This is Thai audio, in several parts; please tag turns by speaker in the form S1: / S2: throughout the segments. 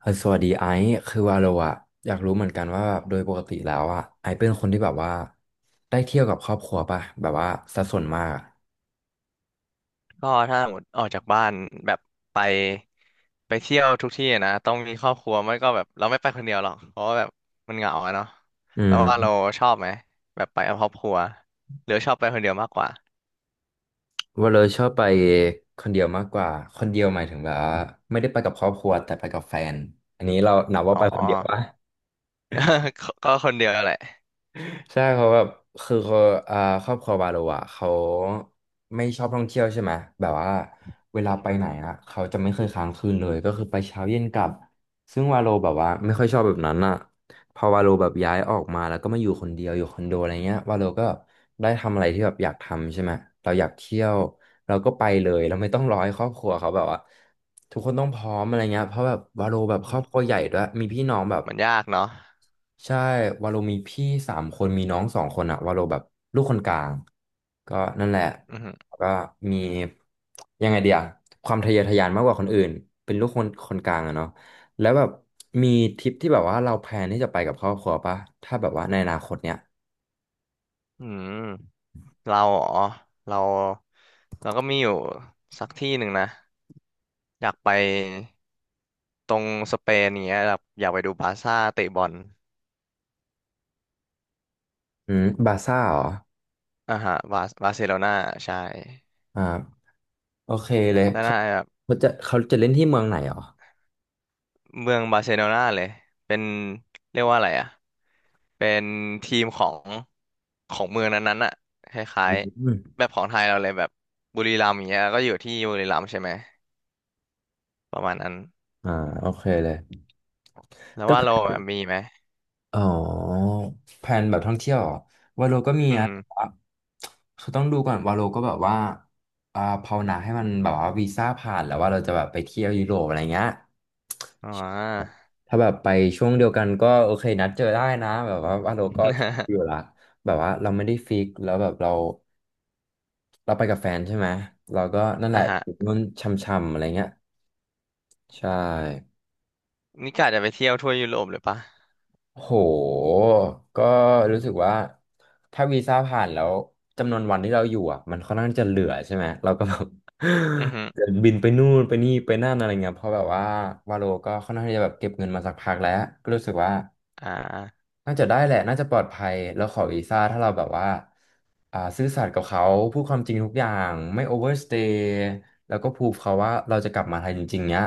S1: เออสวัสดีไอซ์คือว่าเราอะอยากรู้เหมือนกันว่าแบบโดยปกติแล้วอะไอซ์เป็นคนที่แบบว่าได้เที่ยวกับครอบครัวป่ะแบบว่าสัดส่วนมากอะ
S2: ก็ถ้าหมดออกจากบ้านแบบไปไปเที่ยวทุกที่อะนะต้องมีครอบครัวไม่ก็แบบเราไม่ไปคนเดียวหรอกเพราะว่าแบบมันเหงาอะเนาะ
S1: อื
S2: แล้ว
S1: ม
S2: ว่าเราชอบไหมแบบไปกับครอบครัวหรือชอบไปคนเดียวมากกว่า
S1: ว่าเราชอบไปคนเดียวมากกว่าคนเดียวหมายถึงแบบว่าไม่ได้ไปกับครอบครัวแต่ไปกับแฟนอันนี้เรานับว่า
S2: อ๋
S1: ไปคน
S2: อ
S1: เดียวป่ะ
S2: ก็คนเดียวแหละ
S1: ใช่เขาแบบคือเขาอ่าครอบครัวบาโลอ่ะเขาไม่ชอบท่องเที่ยวใช่ไหมแบบว่าเวลา
S2: อื
S1: ไปไหน
S2: ม
S1: อ่ะเขาจะไม่เคยค้างคืนเลยก็คือไปเช้าเย็นกลับซึ่งวาโลแบบว่าไม่ค่อยชอบแบบนั้นอ่ะพอวาโลแบบย้ายออกมาแล้วก็มาอยู่คนเดียวอยู่คอนโดอะไรเงี้ยวาโลก็ได้ทำอะไรที่แบบอยากทำใช่ไหมเราอยากเที่ยวเราก็ไปเลยเราไม่ต้องรอให้ครอบครัวเขาแบบว่าทุกคนต้องพร้อมอะไรเงี้ยเพราะแบบวาโลแบบค
S2: อื
S1: รอบครั
S2: ม
S1: วใหญ่ด้วยมีพี่น้องแบบ
S2: มันยากเนาะ
S1: ใช่วาโลมีพี่สามคนมีน้องสองคนอะวาโลแบบลูกคนกลางก็นั่นแหละ
S2: อืม
S1: แล้วก็มียังไงเดียความทะเยอทะยานมากกว่าคนอื่นเป็นลูกคนกลางอะเนาะแล้วแบบมีทริปที่แบบว่าเราแพลนที่จะไปกับครอบครัวปะถ้าแบบว่าในอนาคตเนี้ย
S2: อืมเราอ๋อเราเราก็มีอยู่สักที่หนึ่งนะอยากไปตรงสเปนอย่างเงี้ยแบบอยากไปดูบาร์ซ่าเตะบอล
S1: อืมบาซ่าเหรอ
S2: อ่าฮะบาร์เซโลนาใช่
S1: อ่าโอเคเลย
S2: แล้ว
S1: เขา
S2: น่าแบบ
S1: เขาจะเล่นที่เมืองไหนเหรอ
S2: เมืองบาร์เซโลนาเลยเป็นเรียกว่าอะไรอ่ะเป็นทีมของเมืองนั้นๆอ่ะคล้า
S1: อื
S2: ย
S1: ม
S2: ๆแบบของไทยเราเลยแบบบุรีรัมย์อย่างเงี้ยก็อยู่ที่บุรีรัมย์ใช่ไหมประมาณนั้น
S1: อ่าโอเคเลย
S2: แล้วว่าเราแบบมีไหม
S1: อ๋อแผนแบบท่องเที่ยวเหรอวาโลก็มี
S2: อื
S1: นะ
S2: ม
S1: แต่ว่าคือต้องดูก่อนวาโลก็แบบว่าภาวนาให้มันแบบว่าวีซ่าผ่านแล้วว่าเราจะแบบไปเที่ยวยุโรปอะไรเงี้ย
S2: อ๋อ
S1: ถ้าแบบไปช่วงเดียวกันก็โอเคนัดเจอได้นะแบบว่าวาโลก็ชิล อยู่ละแบบว่าเราไม่ได้ฟิกแล้วแบบเราไปกับแฟนใช่ไหมเราก็นั่นแห
S2: อ่ะ
S1: ละ
S2: ฮะ
S1: อยู่นู่นช่ำๆอะไรเงี้ยใช่
S2: นี่กะจะไปเที่ยวทั่วยุโรปเลยปะ
S1: โห ก็รู้สึกว่าถ้าวีซ่าผ่านแล้วจำนวนวันที่เราอยู่อ่ะมันค่อนข้างจะเหลือใช่ไหมเราก็แบบ
S2: อือฮึ
S1: จะบินไปนู่นไปนี่ไปนั่นอะไรเงี้ยเพราะแบบว่าวาโลก็ค่อนข้างที่จะแบบเก็บเงินมาสักพักแล้วก็รู้สึกว่า
S2: อ่า
S1: น่าจะได้แหละ น่าจะปลอดภัยแล้วขอวีซ่าถ้าเราแบบว่าซื่อสัตย์กับเขาพูดความจริงทุกอย่างไม่โอเวอร์สเตย์แล้วก็พูดเขาว่าเราจะกลับมาไทยจริงๆเนี้ย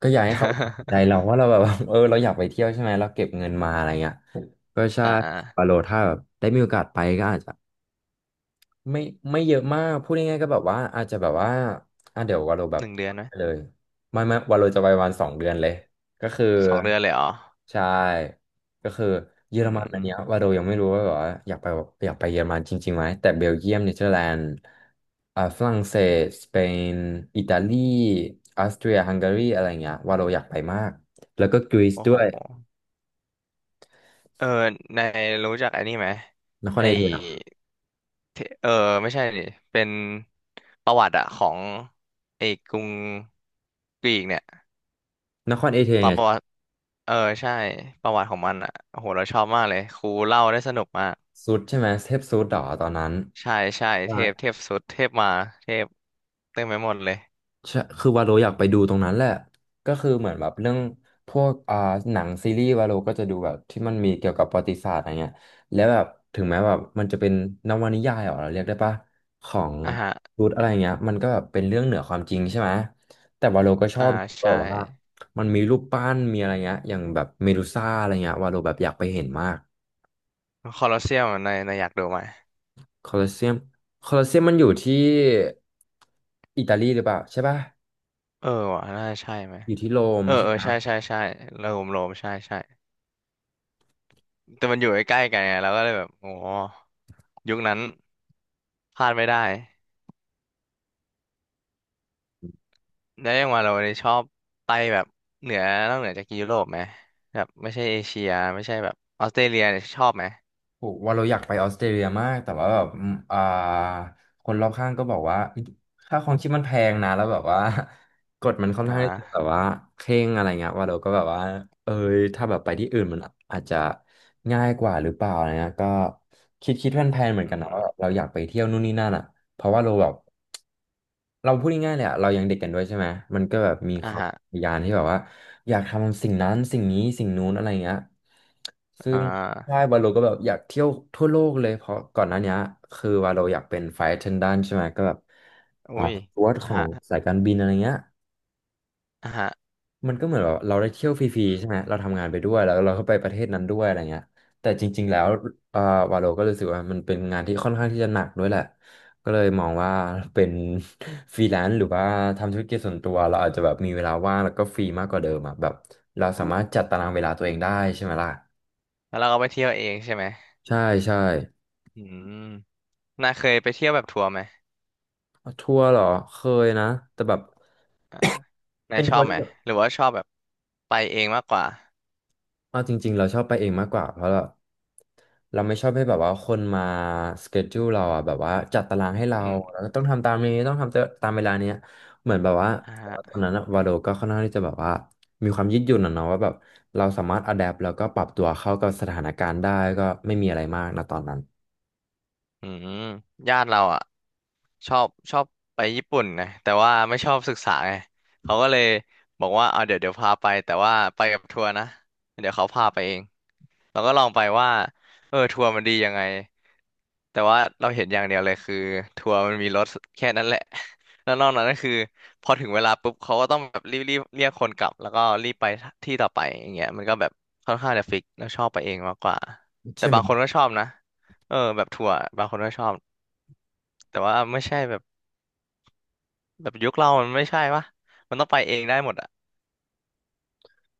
S1: ก็อยากให้เขาสนใจเรา ว่าเราแบบว่า เออเราอยากไปเที่ยวใช่ไหมเราเก็บเงินมาอะไรเงี้ยก็ใช่
S2: อ่
S1: ปา
S2: า
S1: โลถ้าแบบได้มีโอกาสไปก็อาจจะ ไม่ไม่เยอะมากพูดง่ายๆก็แบบว่าอาจจะแบบว่าอ่ะเดี๋ยววาโลแบ
S2: ห
S1: บ
S2: นึ่งเดือนไหม
S1: ไปเลยไม่วาโลจะไปวันสองเดือนเลยก็คือ
S2: 2 เดือนเลยเหรอ
S1: ใช่ก็คือเยอ
S2: อื
S1: รมันอันเนี้ย
S2: ม
S1: วาโลยังไม่รู้ว่าแบบว่าอยากไปเยอรมันจริงๆไหมแต่เบลเยียมเนเธอร์แลนด์ฝรั่งเศสสเปนอิตาลีออสเตรียฮังการีอะไรเงี้ยวาโดอยากไปมากแล้วก็กรีซ
S2: โอ้
S1: ด้
S2: โห
S1: วย
S2: เออในายรู้จักอันนี้ไหม
S1: นคร
S2: ไอ
S1: เอเธนส์
S2: เทไม่ใช่นี่เป็นประวัติอะของไอกรุงกรีกเนี่ย
S1: นครเอเธน
S2: ต
S1: ส์
S2: อน
S1: เนี่ย
S2: ประวัติเออใช่ประวัติของมันอะโอ้โหเราชอบมากเลยครูเล่าได้สนุกมาก
S1: สุดใช่ไหมเทพสุดหรอตอนนั้น
S2: ใช่ใช่เทพเทพสุดเทพมาเทพเต็มไปหมดเลย
S1: ใช่คือวาโลอยากไปดูตรงนั้นแหละก็คือเหมือนแบบเรื่องพวกหนังซีรีส์วาโลก็จะดูแบบที่มันมีเกี่ยวกับประวัติศาสตร์อะไรเงี้ยแล้วแบบถึงแม้แบบมันจะเป็นนวนิยายเหรอเราเรียกได้ปะของ
S2: อ่าฮะ
S1: รูทอะไรเงี้ยมันก็แบบเป็นเรื่องเหนือความจริงใช่ไหมแต่วาโลก็ชอ
S2: อ่า
S1: บแบ
S2: ใช่
S1: บว่ามันมีรูปปั้นมีอะไรเงี้ยอย่างแบบเมดูซ่าอะไรเงี้ยวาโลแบบอยากไปเห็นมาก
S2: คอลอสเซียมในในายอยากดูไหม
S1: โคลอสเซียมโคลอสเซียมมันอยู่ที่อิตาลีหรือเปล่าใช่ปะ
S2: เออว่ะน่าใช่ไหม
S1: อยู่ที่โรม
S2: เออเออใช่ใช่ใช่โรมโรมใช่ใช่แต่มันอยู่ใกล้ๆกันไงเราก็เลยแบบโอ้ ยุคนั้นพลาดไม่ได้แล้วยังว่าเราเนี่ยชอบไปแบบเหนือนอกเหนือจากยุโรปไหมแบบไม่ใช่เอเชียไม่ใช่แบบออสเตรเลียเนี่ยชอบไหม
S1: โหว่าเราอยากไปออสเตรเลียมากแต่ว่าแบบอืมคนรอบข้างก็บอกว่าค่าครองชีพมันแพงนะแล้วแบบว่า กฎมันค่อน
S2: อ่
S1: ข้างที่จะแบบ
S2: า
S1: ว่าเคร่งอะไรเงี้ยว่าเราก็แบบว่าเอยถ้าแบบไปที่อื่นมันอาจจะง่ายกว่าหรือเปล่าอะไรเงี้ยก็คิดแพลนๆเหมือน
S2: อื
S1: กันนะว่า
S2: ม
S1: เราอยากไปเที่ยวนู่นนี่นั่นอ่ะ เพราะว่าเราแบบเราพูดง่ายๆเลยอะเรายังเด็กกันด้วยใช่ไหมมันก็แบบมีค
S2: อ่า
S1: วาม
S2: ฮะ
S1: ทะยานที่แบบว่าอยากทำสิ่งนั้นสิ่งนี้สิ่งนู้นอะไรเงี้ยซึ่ง
S2: อ่า
S1: ใช่วาโลก็แบบอยากเที่ยวทั่วโลกเลยเพราะก่อนหน้านี้คือวาโลอยากเป็นไฟท์เทนดันใช่ไหมก็แบบ
S2: อุ้ย
S1: สจ๊วต
S2: อ่า
S1: ของ
S2: ฮะ
S1: สายการบินอะไรเงี้ย
S2: อ่าฮะ
S1: มันก็เหมือนแบบเราได้เที่ยวฟรีๆใช่ไหมเราทำงานไปด้วยแล้วเราก็ไปประเทศนั้นด้วยอะไรเงี้ยแต่จริงๆแล้วเอ่อวาโลก็รู้สึกว่ามันเป็นงานที่ค่อนข้างที่จะหนักด้วยแหละก็เลยมองว่าเป็น ฟรีแลนซ์หรือว่าทำธุรกิจส่วนตัวเราอาจจะแบบมีเวลาว่างแล้วก็ฟรีมากกว่าเดิมอ่ะแบบเราสามารถจัดตารางเวลาตัวเองได้ใช่ไหมล่ะ
S2: แล้วเราก็ไปเที่ยวเองใช่ไหม
S1: ใช่ใช่
S2: อืมน่าเคยไปเที่ยวแบบทัวร์ไหม
S1: ทัวร์เหรอเคยนะแต่แบบ
S2: อ่านา
S1: เป็
S2: ย
S1: น
S2: ช
S1: ทั
S2: อ
S1: ว
S2: บ
S1: ร์
S2: ไห
S1: ที่
S2: มหรือว่าชอบแบบไปเองมากกว่า
S1: เอาจริงๆเราชอบไปเองมากกว่าเพราะเราไม่ชอบให้แบบว่าคนมาสเกจ u ูเราอ่ะแบบว่าจัดตารางให้เรา
S2: อื
S1: แล้
S2: ม
S1: วก็ต้องทำตามนี้ต้องทำตามเวลาเนี้ยเหมือนแบบว่า
S2: อ่า
S1: ต
S2: ฮะ
S1: ว่าตอนนั้นอะวาโดก็ค่อนข้างที่จะแบบว่ามีความยืดหยุ่นอะเนาะว่าแบบเราสามารถอะแดปแล้วก็ปรับตัวเข้ากับสถานการณ์ได้ก็ไม่มีอะไรมากนะตอนนั้น
S2: อืมญาติเราอ่ะ ชอบชอบไปญี่ปุ่นนะแต่ว่าไม่ชอบศึกษาไงเขาก็เลยบอกว่าเอาเดี๋ยวเดี๋ยวพาไปแต่ว่าไปกับทัวร์นะเดี๋ยวเขาพาไปเองเราก็ลองไปว่าเออทัวร์มันดียังไงแต่ว่าเราเห็นอย่างเดียวเลยคือทัวร์มันมีรถแค่นั้นแหละ แล้วนอกนั้นก็คือพอถึงเวลาปุ๊บเขาก็ต้องแบบรีบรีบเรียกคนกลับแล้วก็รีบไปที่ต่อไปอย่างเงี้ยมันก็แบบค่อนข้างจะฟิกแล้วชอบไปเองมากกว่าแต่
S1: ใช่ไหม
S2: บางคนก็ชอบนะเออแบบทัวร์บางคนก็ชอบแต่ว่าไม่ใช่แบบ แบบยุคเรามันไม่ใช่ปะมันต้องไปเองได้หมดอ่ะ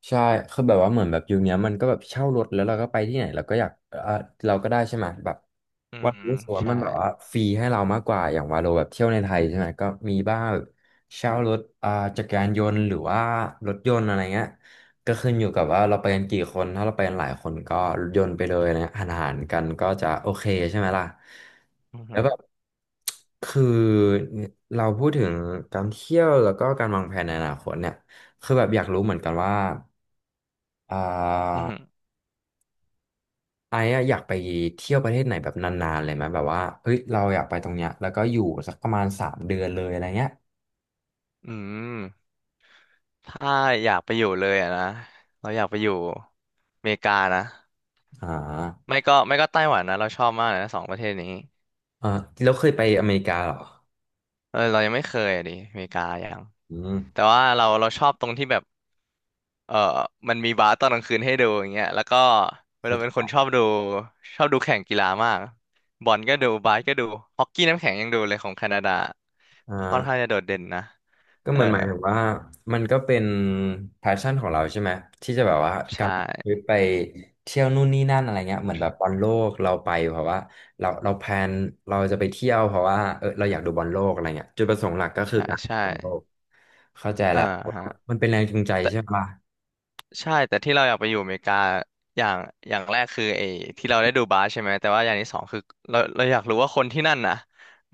S1: ใช่คือแบบว่าเหมือนแบบยุคเนี้ยมันก็แบบเช่ารถแล้วเราก็ไปที่ไหนเราก็อยากเออเราก็ได้ใช่ไหมแบบ
S2: อื
S1: ว่าโล
S2: ม
S1: รู้สึกว่า
S2: ใช่
S1: มันแบบว่าฟรีให้เรามากกว่าอย่างวาโลแบบเที่ยวในไทยใช่ไหมก็มีบ้างแบบเช่ารถอ่าจักรยานยนต์หรือว่ารถยนต์อะไรเงี้ยก็ขึ้นอยู่กับว่าเราไปกันกี่คนถ้าเราไปกันหลายคนก็รถยนต์ไปเลยนะหานหารกันก็จะโอเคใช่ไหมล่ะ
S2: อือ
S1: แล้
S2: หื
S1: ว
S2: อ
S1: แบบคือเราพูดถึงการเที่ยวแล้วก็การวางแผนในอนาคตเนี่ยคือแบบอยากรู้เหมือนกันว่าอ่า
S2: อือหือ
S1: ไอ้อะอยากไปเที่ยวประเทศไหนแบบนานๆเลยไหมแบบว่าเฮ้ยเราอยากไปตรงเนี้ยแล้วก็อยู่สักประมาณสามเดือนเลยอะไรเงี้ย
S2: อืมถ้าอยากไปอยู่เลยอะนะ เราอยากไปอยู่อเมริกานะ
S1: อ่า
S2: ไม่ก็ไต้หวันนะเราชอบมากเลยนะสองประเทศนี้
S1: อ่าแล้วเคยไปอเมริกาเหรอ
S2: เออเรายังไม่เคยอ่ะดิอเมริกายัง
S1: อืม
S2: แต่ว่าเราเราชอบตรงที่แบบเออมันมีบาร์ตอนกลางคืนให้ดูอย่างเงี้ยแล้วก็
S1: เข้า
S2: เรา
S1: ใจ
S2: เป็นคน
S1: ละ
S2: ชอบดูแข่งกีฬามากบอลก็ดูบาสก็ดูฮอกกี้น้ำแข็งยังดูเลยของแคนาดา
S1: อ่
S2: ค่อนข้าง
S1: า
S2: จะโดดเด่นนะ
S1: ก็
S2: เอ
S1: เห
S2: อ
S1: มือนหมายถึงว่ามันก็เป็น p พ s ชั่นของเราใช่ไหมที่จะแบบว่า
S2: ใช
S1: การไปเท
S2: ่
S1: ี่ยวนู่นนี่นั่นอะไรเงี้ยเหมือนแบบบอลโลกเราไปเพราะว่าเราแพลนเราจะไปเที่ยวเพราะว่าเออเราอยากดูบอลโลกอะไรเงี้ยจุดประสงค์หลักก็คือ
S2: ใช่
S1: การดู
S2: ใช่
S1: บอลโลกเข้าใจ
S2: เออ
S1: แล้ว
S2: ฮะ
S1: มันเป็นแรงจูงใจ
S2: แต่
S1: ใช่ปะ
S2: ใช่แต่ที่เราอยากไปอยู่อเมริกาอย่างอย่างแรกคือไอ้ที่เราได้ดูบาสใช่ไหมแต่ว่าอย่างที่สองคือเราอยากรู้ว่าคนที่นั่นน่ะ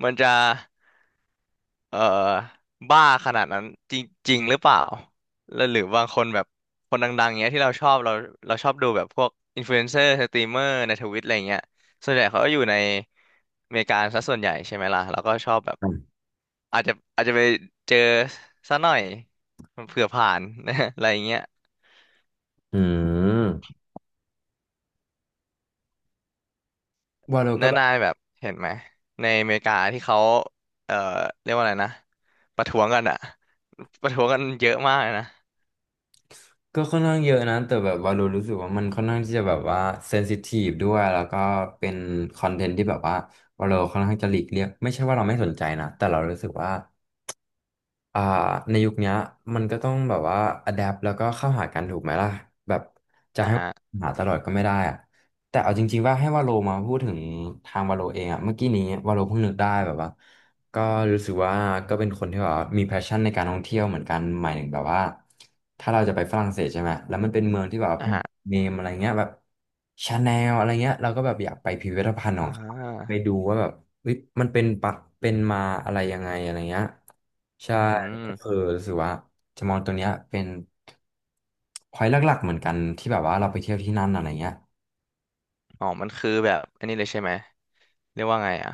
S2: มันจะเอ่อบ้าขนาดนั้นจริงจริงหรือเปล่าแล้วหรือบางคนแบบคนดังๆเงี้ยที่เราชอบเราเราชอบดูแบบพวกอินฟลูเอนเซอร์สตรีมเมอร์ในทวิตอะไรเงี้ยส่วนใหญ่เขาก็อยู่ในอเมริกาซะส่วนใหญ่ใช่ไหมล่ะแล้วก็ชอบแบบอาจจะไปเจอซะหน่อยเผื่อผ่าน อะไรเงี้ย
S1: อืมวาโลก็
S2: นา
S1: แบบ
S2: นายแบบเห็นไหมในอเมริกาที่เขาเอ่อเรียกว่าอะไรนะประท้วงกันอะประท้วงกันเยอะมากเลยนะ
S1: ก็ค่อนข้างเยอะนะ แต่แบบวาโลรู้สึกว่ามันค่อนข้างที่จะแบบว่าเซนซิทีฟด้วย แล้วก็เป็นคอนเทนต์ที่แบบว่าวาโลค่อนข้างจะหลีกเลี่ยงไม่ใช่ว่าเราไม่สนใจนะ แต่เรารู้สึกว่า อ่าในยุคเนี้ยมันก็ต้องแบบว่าอ d แด t แล้วก็เข้าหากันถูกไหมล่ะแบบจะ
S2: อ่า
S1: ให้
S2: ฮะ
S1: หาตลอดก็ไม่ได้อะแต่เอาจริงๆว่าให้วาโลมาพูดถึงทางวาโลเองอะเมื่อกี้นี้วาโลเพิ่งนึกได้แบบว่าก็รู้สึกว่าก็เป็นคนที่แบบว่ามีแพชชั่นในการท่องเที่ยวเหมือนกันหมายถึงแบบว่าถ้าเราจะไปฝรั่งเศสใช่ไหมแล้วมันเป็นเมืองที่แบบ
S2: อ่าฮะ
S1: เนมอะไรเงี้ยแบบชาแนลอะไรเงี้ยเราก็แบบอยากไปพิพิธภัณฑ์ข
S2: อ่
S1: องเขาไป
S2: า
S1: ดูว่าแบบเฮ้ยมันเป็นปะเป็นมาอะไรยังไงอะไรเงี้ย ใช่
S2: อื
S1: ก็คือ
S2: ม
S1: รู้สึกว่าจะมองตัวเนี้ยเป็นพอยต์หลักๆเหมือนกันที่แบบว่าเราไปเที่ยวที่นั่นอะไรเงี้ย
S2: อ๋อมันคือแบบอันนี้เลยใช่ไหมเรียกว่าไงอะ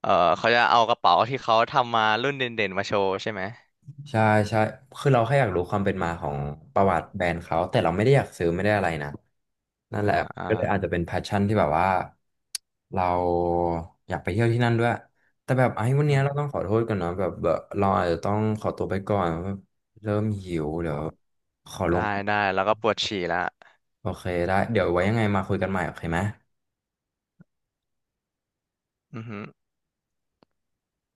S2: เออเขาจะเอากระเป๋าที่เขาทำมารุ่นเด่นๆมาโชว์ใช่ไหม
S1: ใช่ใช่คือเราแค่อยากรู้ความเป็นมาของประวัติแบรนด์เขาแต่เราไม่ได้อยากซื้อไม่ได้อะไรนะนั่นแห
S2: อ่า
S1: ละ
S2: อ่า
S1: ก็เลยอาจจะเป็นแพชชั่นที่แบบว่าเราอยากไปเที่ยวที่นั่นด้วยแต่แบบไอ้วัน
S2: อื
S1: เนี้ยเรา
S2: ม
S1: ต้องขอโทษกันเนาะแบบเราอาจจะต้องขอตัวไปก่อนเริ่มหิวเดี๋ยวขอล
S2: ได้
S1: ง
S2: ได้แล้วก็ปวดฉี่ละ
S1: โอเคได้เดี๋ยวไว้ยังไงมาคุยกันใหม่โอเคไหม
S2: อือฮึ